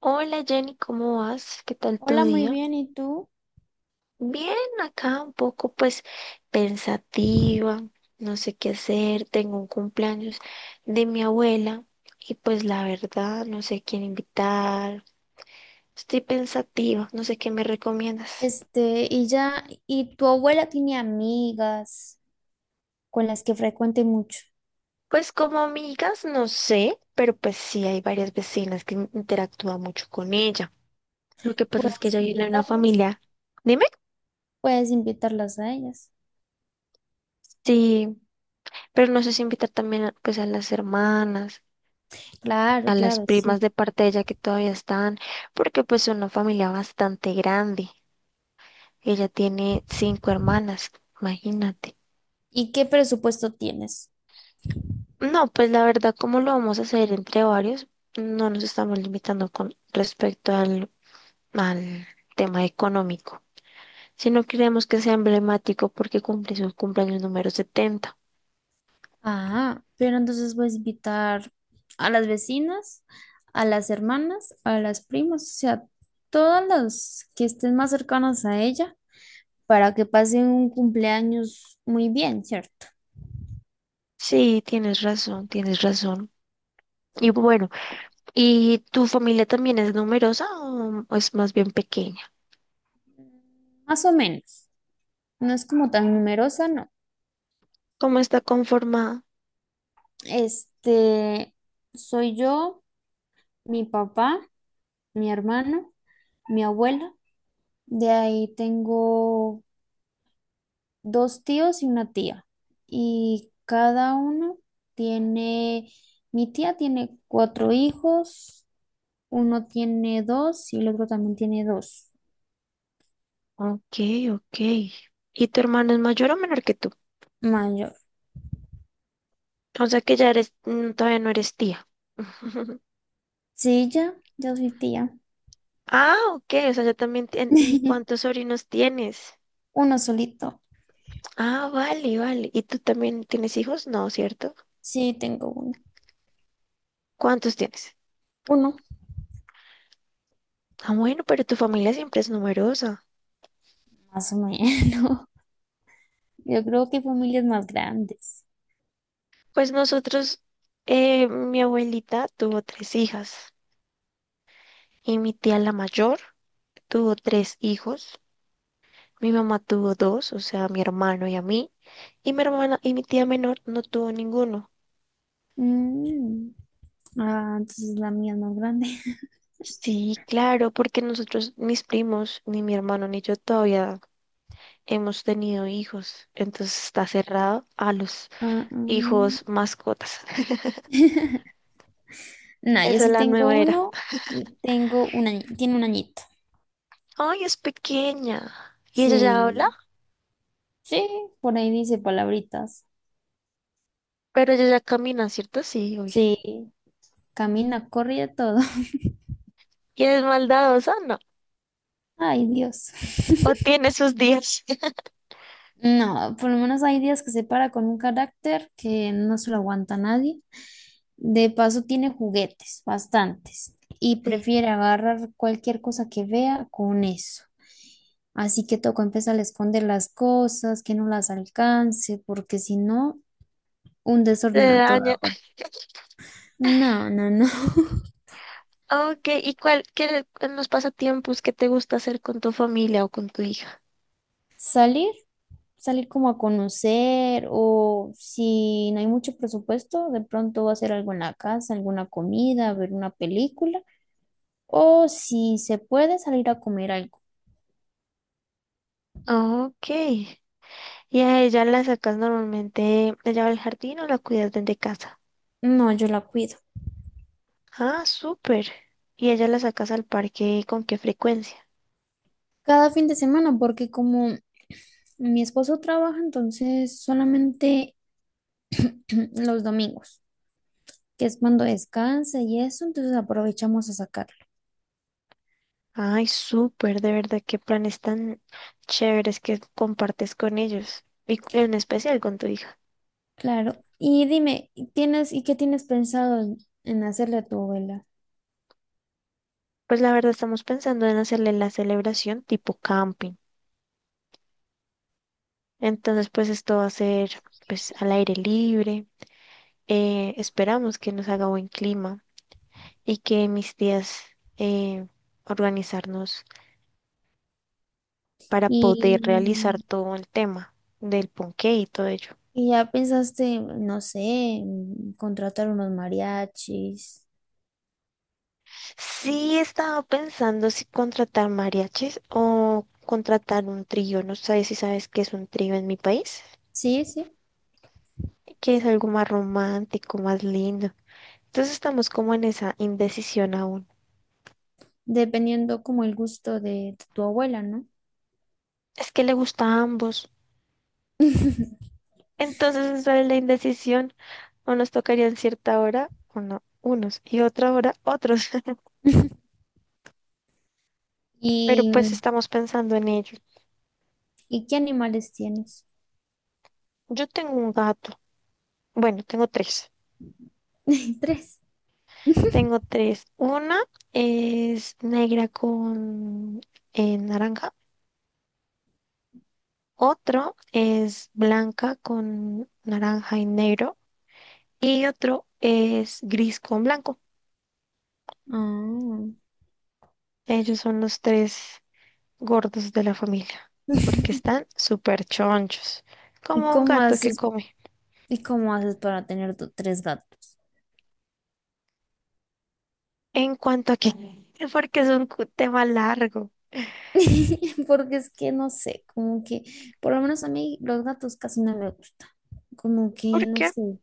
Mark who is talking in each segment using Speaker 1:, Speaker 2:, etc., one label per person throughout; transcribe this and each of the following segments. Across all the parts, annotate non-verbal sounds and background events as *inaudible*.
Speaker 1: Hola Jenny, ¿cómo vas? ¿Qué tal tu
Speaker 2: Hola, muy
Speaker 1: día?
Speaker 2: bien, ¿y tú?
Speaker 1: Bien, acá un poco pues pensativa, no sé qué hacer, tengo un cumpleaños de mi abuela y pues la verdad no sé quién invitar, estoy pensativa, no sé qué me recomiendas.
Speaker 2: Y ya, ¿y tu abuela tiene amigas con las que frecuente mucho?
Speaker 1: Pues como amigas, no sé, pero pues sí hay varias vecinas que interactúan mucho con ella. Lo que pasa es que
Speaker 2: ¿Puedes
Speaker 1: ella viene de una
Speaker 2: invitarlas?
Speaker 1: familia, dime,
Speaker 2: Puedes invitarlas a ellas.
Speaker 1: sí, pero no sé si invitar también pues a las hermanas.
Speaker 2: Claro,
Speaker 1: A las
Speaker 2: claro, sí.
Speaker 1: primas de parte de ella que todavía están, porque pues es una familia bastante grande. Ella tiene cinco hermanas, imagínate.
Speaker 2: ¿Y qué presupuesto tienes?
Speaker 1: No, pues la verdad, ¿cómo lo vamos a hacer entre varios? No nos estamos limitando con respecto al tema económico, sino queremos que sea emblemático porque cumple su cumpleaños número 70.
Speaker 2: Ah, pero entonces puedes invitar a las vecinas, a las hermanas, a las primas, o sea, todas las que estén más cercanas a ella para que pasen un cumpleaños muy bien, ¿cierto?
Speaker 1: Sí, tienes razón, tienes razón. Y bueno, ¿y tu familia también es numerosa o es más bien pequeña?
Speaker 2: Más o menos. No es como tan numerosa, no.
Speaker 1: ¿Cómo está conformada?
Speaker 2: Este, Soy yo, mi papá, mi hermano, mi abuela. De ahí tengo dos tíos y una tía. Y cada uno tiene, mi tía tiene cuatro hijos, uno tiene dos y el otro también tiene dos.
Speaker 1: Ok, ok. ¿Y tu hermano es mayor o menor que tú?
Speaker 2: Mayor.
Speaker 1: O sea que ya eres, todavía no eres tía. *laughs*
Speaker 2: Sí, ya, yo soy tía.
Speaker 1: Ah, ok, o sea, ya también ¿Y cuántos
Speaker 2: *laughs*
Speaker 1: sobrinos tienes?
Speaker 2: Uno solito.
Speaker 1: Ah, vale, vale. ¿Y tú también tienes hijos? No, ¿cierto?
Speaker 2: Sí, tengo uno.
Speaker 1: ¿Cuántos tienes?
Speaker 2: Uno,
Speaker 1: Ah, bueno, pero tu familia siempre es numerosa.
Speaker 2: más o menos. Yo creo que familias más grandes.
Speaker 1: Pues nosotros, mi abuelita tuvo tres hijas y mi tía la mayor tuvo tres hijos. Mi mamá tuvo dos, o sea, mi hermano y a mí, y mi hermana y mi tía menor no tuvo ninguno.
Speaker 2: Mm. Ah, entonces la mía es más grande. *laughs*
Speaker 1: Sí, claro, porque nosotros, mis primos, ni mi hermano ni yo todavía hemos tenido hijos, entonces está cerrado a los
Speaker 2: Ah, mm.
Speaker 1: hijos mascotas. *laughs*
Speaker 2: *laughs* No, yo
Speaker 1: Esa es
Speaker 2: sí
Speaker 1: la
Speaker 2: tengo
Speaker 1: nueva era.
Speaker 2: uno. Y tengo un año, tiene un añito.
Speaker 1: Ay, es pequeña. Y ella ya habla,
Speaker 2: Sí, sí, por ahí dice palabritas.
Speaker 1: pero ella ya camina, ¿cierto? Sí, obvio.
Speaker 2: Sí, camina, corre y de todo. *laughs*
Speaker 1: ¿Y es maldadosa? No.
Speaker 2: Ay, Dios.
Speaker 1: O
Speaker 2: *laughs*
Speaker 1: tiene sus días. *laughs*
Speaker 2: No, por lo menos hay días que se para con un carácter que no se lo aguanta nadie. De paso tiene juguetes, bastantes, y
Speaker 1: Sí.
Speaker 2: prefiere agarrar cualquier cosa que vea con eso. Así que toca empezar a esconder las cosas, que no las alcance, porque si no, un
Speaker 1: Se
Speaker 2: desorden a
Speaker 1: daña.
Speaker 2: toda hora. No, no, no. *laughs*
Speaker 1: Ah, ok, ¿y cuál, qué en los pasatiempos que te gusta hacer con tu familia o con tu hija?
Speaker 2: Salir, salir como a conocer, o si no hay mucho presupuesto, de pronto va a hacer algo en la casa, alguna comida, ver una película. O si se puede salir a comer algo.
Speaker 1: Ok. ¿Y a ella la sacas normalmente, ella va al jardín o la cuidas desde casa?
Speaker 2: No, yo la cuido.
Speaker 1: Ah, súper. ¿Y ella la sacas al parque con qué frecuencia?
Speaker 2: Cada fin de semana, porque como mi esposo trabaja, entonces solamente *clears throat* los domingos, que es cuando descansa y eso, entonces aprovechamos a sacarlo.
Speaker 1: Ay, súper, de verdad, qué planes tan chéveres que compartes con ellos y en especial con tu hija.
Speaker 2: Claro. Y dime, ¿tienes y qué tienes pensado en hacerle a tu abuela?
Speaker 1: Pues la verdad estamos pensando en hacerle la celebración tipo camping. Entonces, pues esto va a ser pues al aire libre. Esperamos que nos haga buen clima y que mis tías eh, organizarnos para poder
Speaker 2: Y,
Speaker 1: realizar todo el tema del ponqué y todo ello.
Speaker 2: y ya pensaste, no sé, en contratar unos mariachis.
Speaker 1: Sí, estaba pensando si contratar mariachis o contratar un trío. No sé si sabes qué es un trío en mi país,
Speaker 2: Sí, sí,
Speaker 1: que es algo más romántico, más lindo. Entonces estamos como en esa indecisión aún.
Speaker 2: dependiendo como el gusto de tu abuela, ¿no?
Speaker 1: Es que le gusta a ambos.
Speaker 2: *laughs*
Speaker 1: Entonces esa es la indecisión. Unos tocarían cierta hora, unos, y otra hora, otros. *laughs*
Speaker 2: *laughs*
Speaker 1: Pero
Speaker 2: ¿Y,
Speaker 1: pues estamos pensando en ello.
Speaker 2: ¿y qué animales tienes?
Speaker 1: Yo tengo un gato. Bueno, tengo tres.
Speaker 2: *laughs* Tres. *laughs*
Speaker 1: Tengo tres. Una es negra con naranja. Otro es blanca con naranja y negro. Y otro es gris con blanco.
Speaker 2: Ah.
Speaker 1: Ellos son los tres gordos de la familia. Porque están súper chonchos.
Speaker 2: ¿Y
Speaker 1: Como un
Speaker 2: cómo
Speaker 1: gato que
Speaker 2: haces,
Speaker 1: come.
Speaker 2: y cómo haces para tener tres gatos?
Speaker 1: En cuanto a que, porque es un tema largo.
Speaker 2: *laughs* Porque es que no sé, como que, por lo menos a mí los gatos casi no me gustan. Como que,
Speaker 1: ¿Por
Speaker 2: no
Speaker 1: qué?
Speaker 2: sé,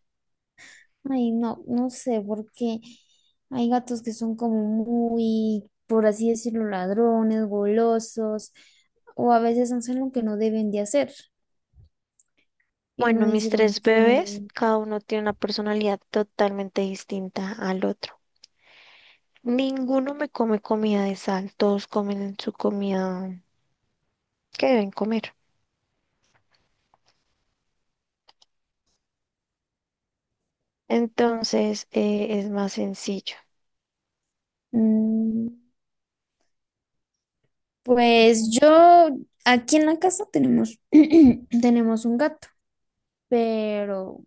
Speaker 2: ay, no, no sé, porque hay gatos que son como muy, por así decirlo, ladrones, golosos, o a veces hacen lo que no deben de hacer. Y uno
Speaker 1: Bueno, mis
Speaker 2: dice como
Speaker 1: tres bebés,
Speaker 2: que,
Speaker 1: cada uno tiene una personalidad totalmente distinta al otro. Ninguno me come comida de sal, todos comen su comida que deben comer. Entonces, es más sencillo.
Speaker 2: Mm, pues
Speaker 1: Bueno.
Speaker 2: yo, aquí en la casa tenemos, *clears throat* tenemos un gato, pero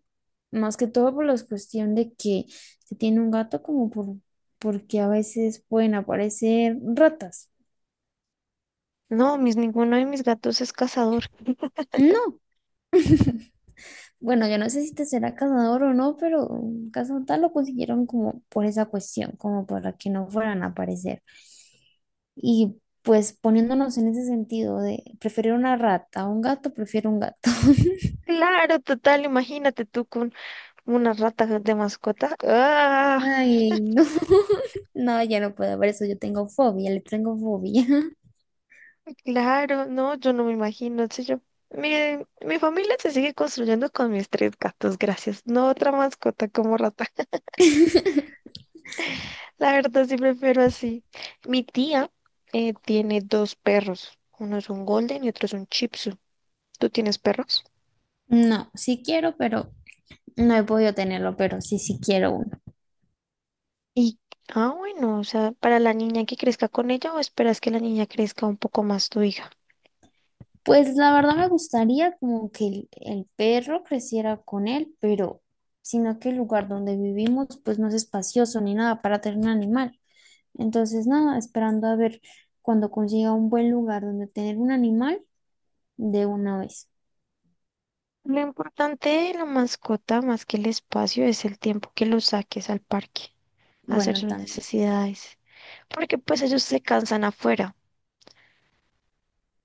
Speaker 2: más que todo por la cuestión de que se tiene un gato como porque a veces pueden aparecer ratas.
Speaker 1: No, ninguno de mis gatos es cazador.
Speaker 2: No, *laughs* bueno, yo no sé si te será cazador o no, pero cazador lo consiguieron como por esa cuestión, como para que no fueran a aparecer. Y pues poniéndonos en ese sentido de preferir una rata a un gato, prefiero un gato. *laughs*
Speaker 1: Claro, total, imagínate tú con una rata de mascota. ¡Ah!
Speaker 2: Ay, no, *laughs* no, ya no puedo ver eso, yo tengo fobia, le tengo fobia.
Speaker 1: Claro, no, yo no me imagino, sé yo. Miren, mi familia se sigue construyendo con mis tres gatos, gracias. No otra mascota como rata. *laughs*
Speaker 2: *laughs*
Speaker 1: La verdad sí prefiero así. Mi tía tiene dos perros. Uno es un golden y otro es un chipsu. ¿Tú tienes perros?
Speaker 2: No, sí quiero, pero no he podido tenerlo, pero sí, sí quiero uno.
Speaker 1: Y, ah, bueno, o sea, para la niña que crezca con ella o esperas que la niña crezca un poco más tu hija.
Speaker 2: Pues la verdad me gustaría como que el perro creciera con él, pero sino que el lugar donde vivimos pues no es espacioso ni nada para tener un animal. Entonces nada, esperando a ver cuando consiga un buen lugar donde tener un animal de una vez.
Speaker 1: Lo importante de la mascota, más que el espacio, es el tiempo que lo saques al parque, hacer
Speaker 2: Bueno,
Speaker 1: sus
Speaker 2: también.
Speaker 1: necesidades, porque pues ellos se cansan afuera.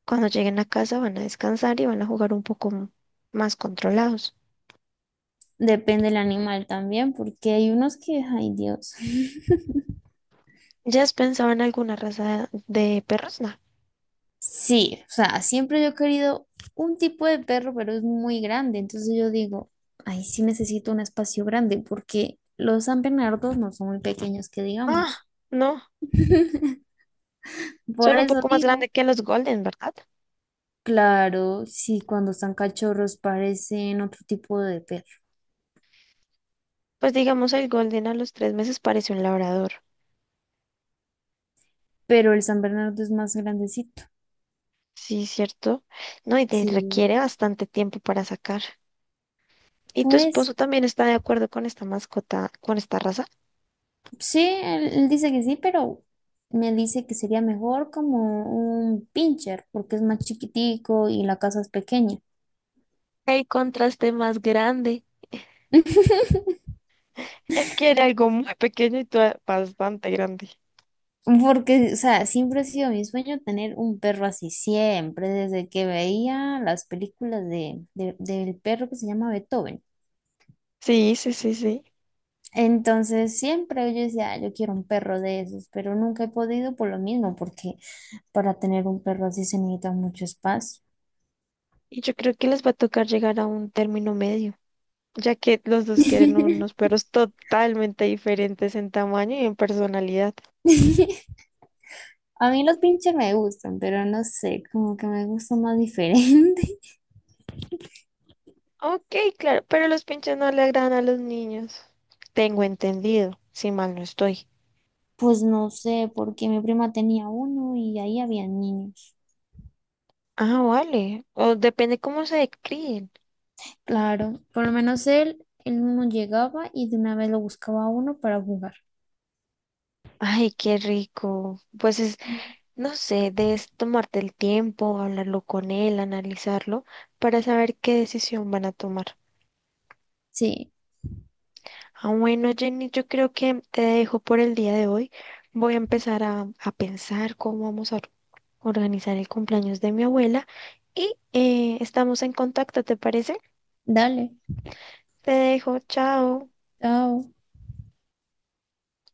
Speaker 1: Cuando lleguen a casa van a descansar y van a jugar un poco más controlados.
Speaker 2: Depende del animal también, porque hay unos que, ay, Dios. *laughs*
Speaker 1: ¿Ya has pensado en alguna raza de perros? No.
Speaker 2: Sí, o sea, siempre yo he querido un tipo de perro, pero es muy grande. Entonces yo digo, ay, sí necesito un espacio grande, porque los San Bernardos no son muy pequeños, que
Speaker 1: Ah,
Speaker 2: digamos.
Speaker 1: no,
Speaker 2: Por
Speaker 1: son un
Speaker 2: eso
Speaker 1: poco más
Speaker 2: digo,
Speaker 1: grandes que los Golden, ¿verdad?
Speaker 2: claro, sí, cuando están cachorros parecen otro tipo de perro,
Speaker 1: Pues digamos el Golden a los 3 meses parece un labrador.
Speaker 2: pero el San Bernardo es más grandecito.
Speaker 1: Sí, cierto. No, y te
Speaker 2: Sí,
Speaker 1: requiere bastante tiempo para sacar. ¿Y tu
Speaker 2: por eso.
Speaker 1: esposo también está de acuerdo con esta mascota, con esta raza?
Speaker 2: Sí, él dice que sí, pero me dice que sería mejor como un pincher, porque es más chiquitico y la casa es pequeña.
Speaker 1: ¿Qué contraste más grande?
Speaker 2: *laughs*
Speaker 1: Él quiere algo muy pequeño y tú bastante grande.
Speaker 2: Porque, o sea, siempre ha sido mi sueño tener un perro así, siempre, desde que veía las películas del perro que se llama Beethoven.
Speaker 1: Sí, sí, sí, sí.
Speaker 2: Entonces, siempre yo decía, "Ah, yo quiero un perro de esos, pero nunca he podido por lo mismo, porque para tener un perro así se necesita mucho espacio.
Speaker 1: Y yo creo que les va a tocar llegar a un término medio. Ya que los dos quieren unos
Speaker 2: *laughs*
Speaker 1: perros totalmente diferentes en tamaño y en personalidad.
Speaker 2: A mí los pinches me gustan, pero no sé, como que me gusta más diferente. *laughs*
Speaker 1: Ok, claro, pero los pinches no le agradan a los niños. Tengo entendido, si mal no estoy.
Speaker 2: Pues no sé, porque mi prima tenía uno y ahí había niños.
Speaker 1: Ah, vale. O depende cómo se críen.
Speaker 2: Claro, por lo menos él mismo llegaba y de una vez lo buscaba a uno para jugar.
Speaker 1: Ay, qué rico. Pues no sé, debes tomarte el tiempo, hablarlo con él, analizarlo, para saber qué decisión van a tomar.
Speaker 2: Sí,
Speaker 1: Ah, bueno, Jenny, yo creo que te dejo por el día de hoy. Voy a empezar a pensar cómo vamos a organizar el cumpleaños de mi abuela y estamos en contacto, ¿te parece?
Speaker 2: dale,
Speaker 1: Te dejo, chao.
Speaker 2: chao.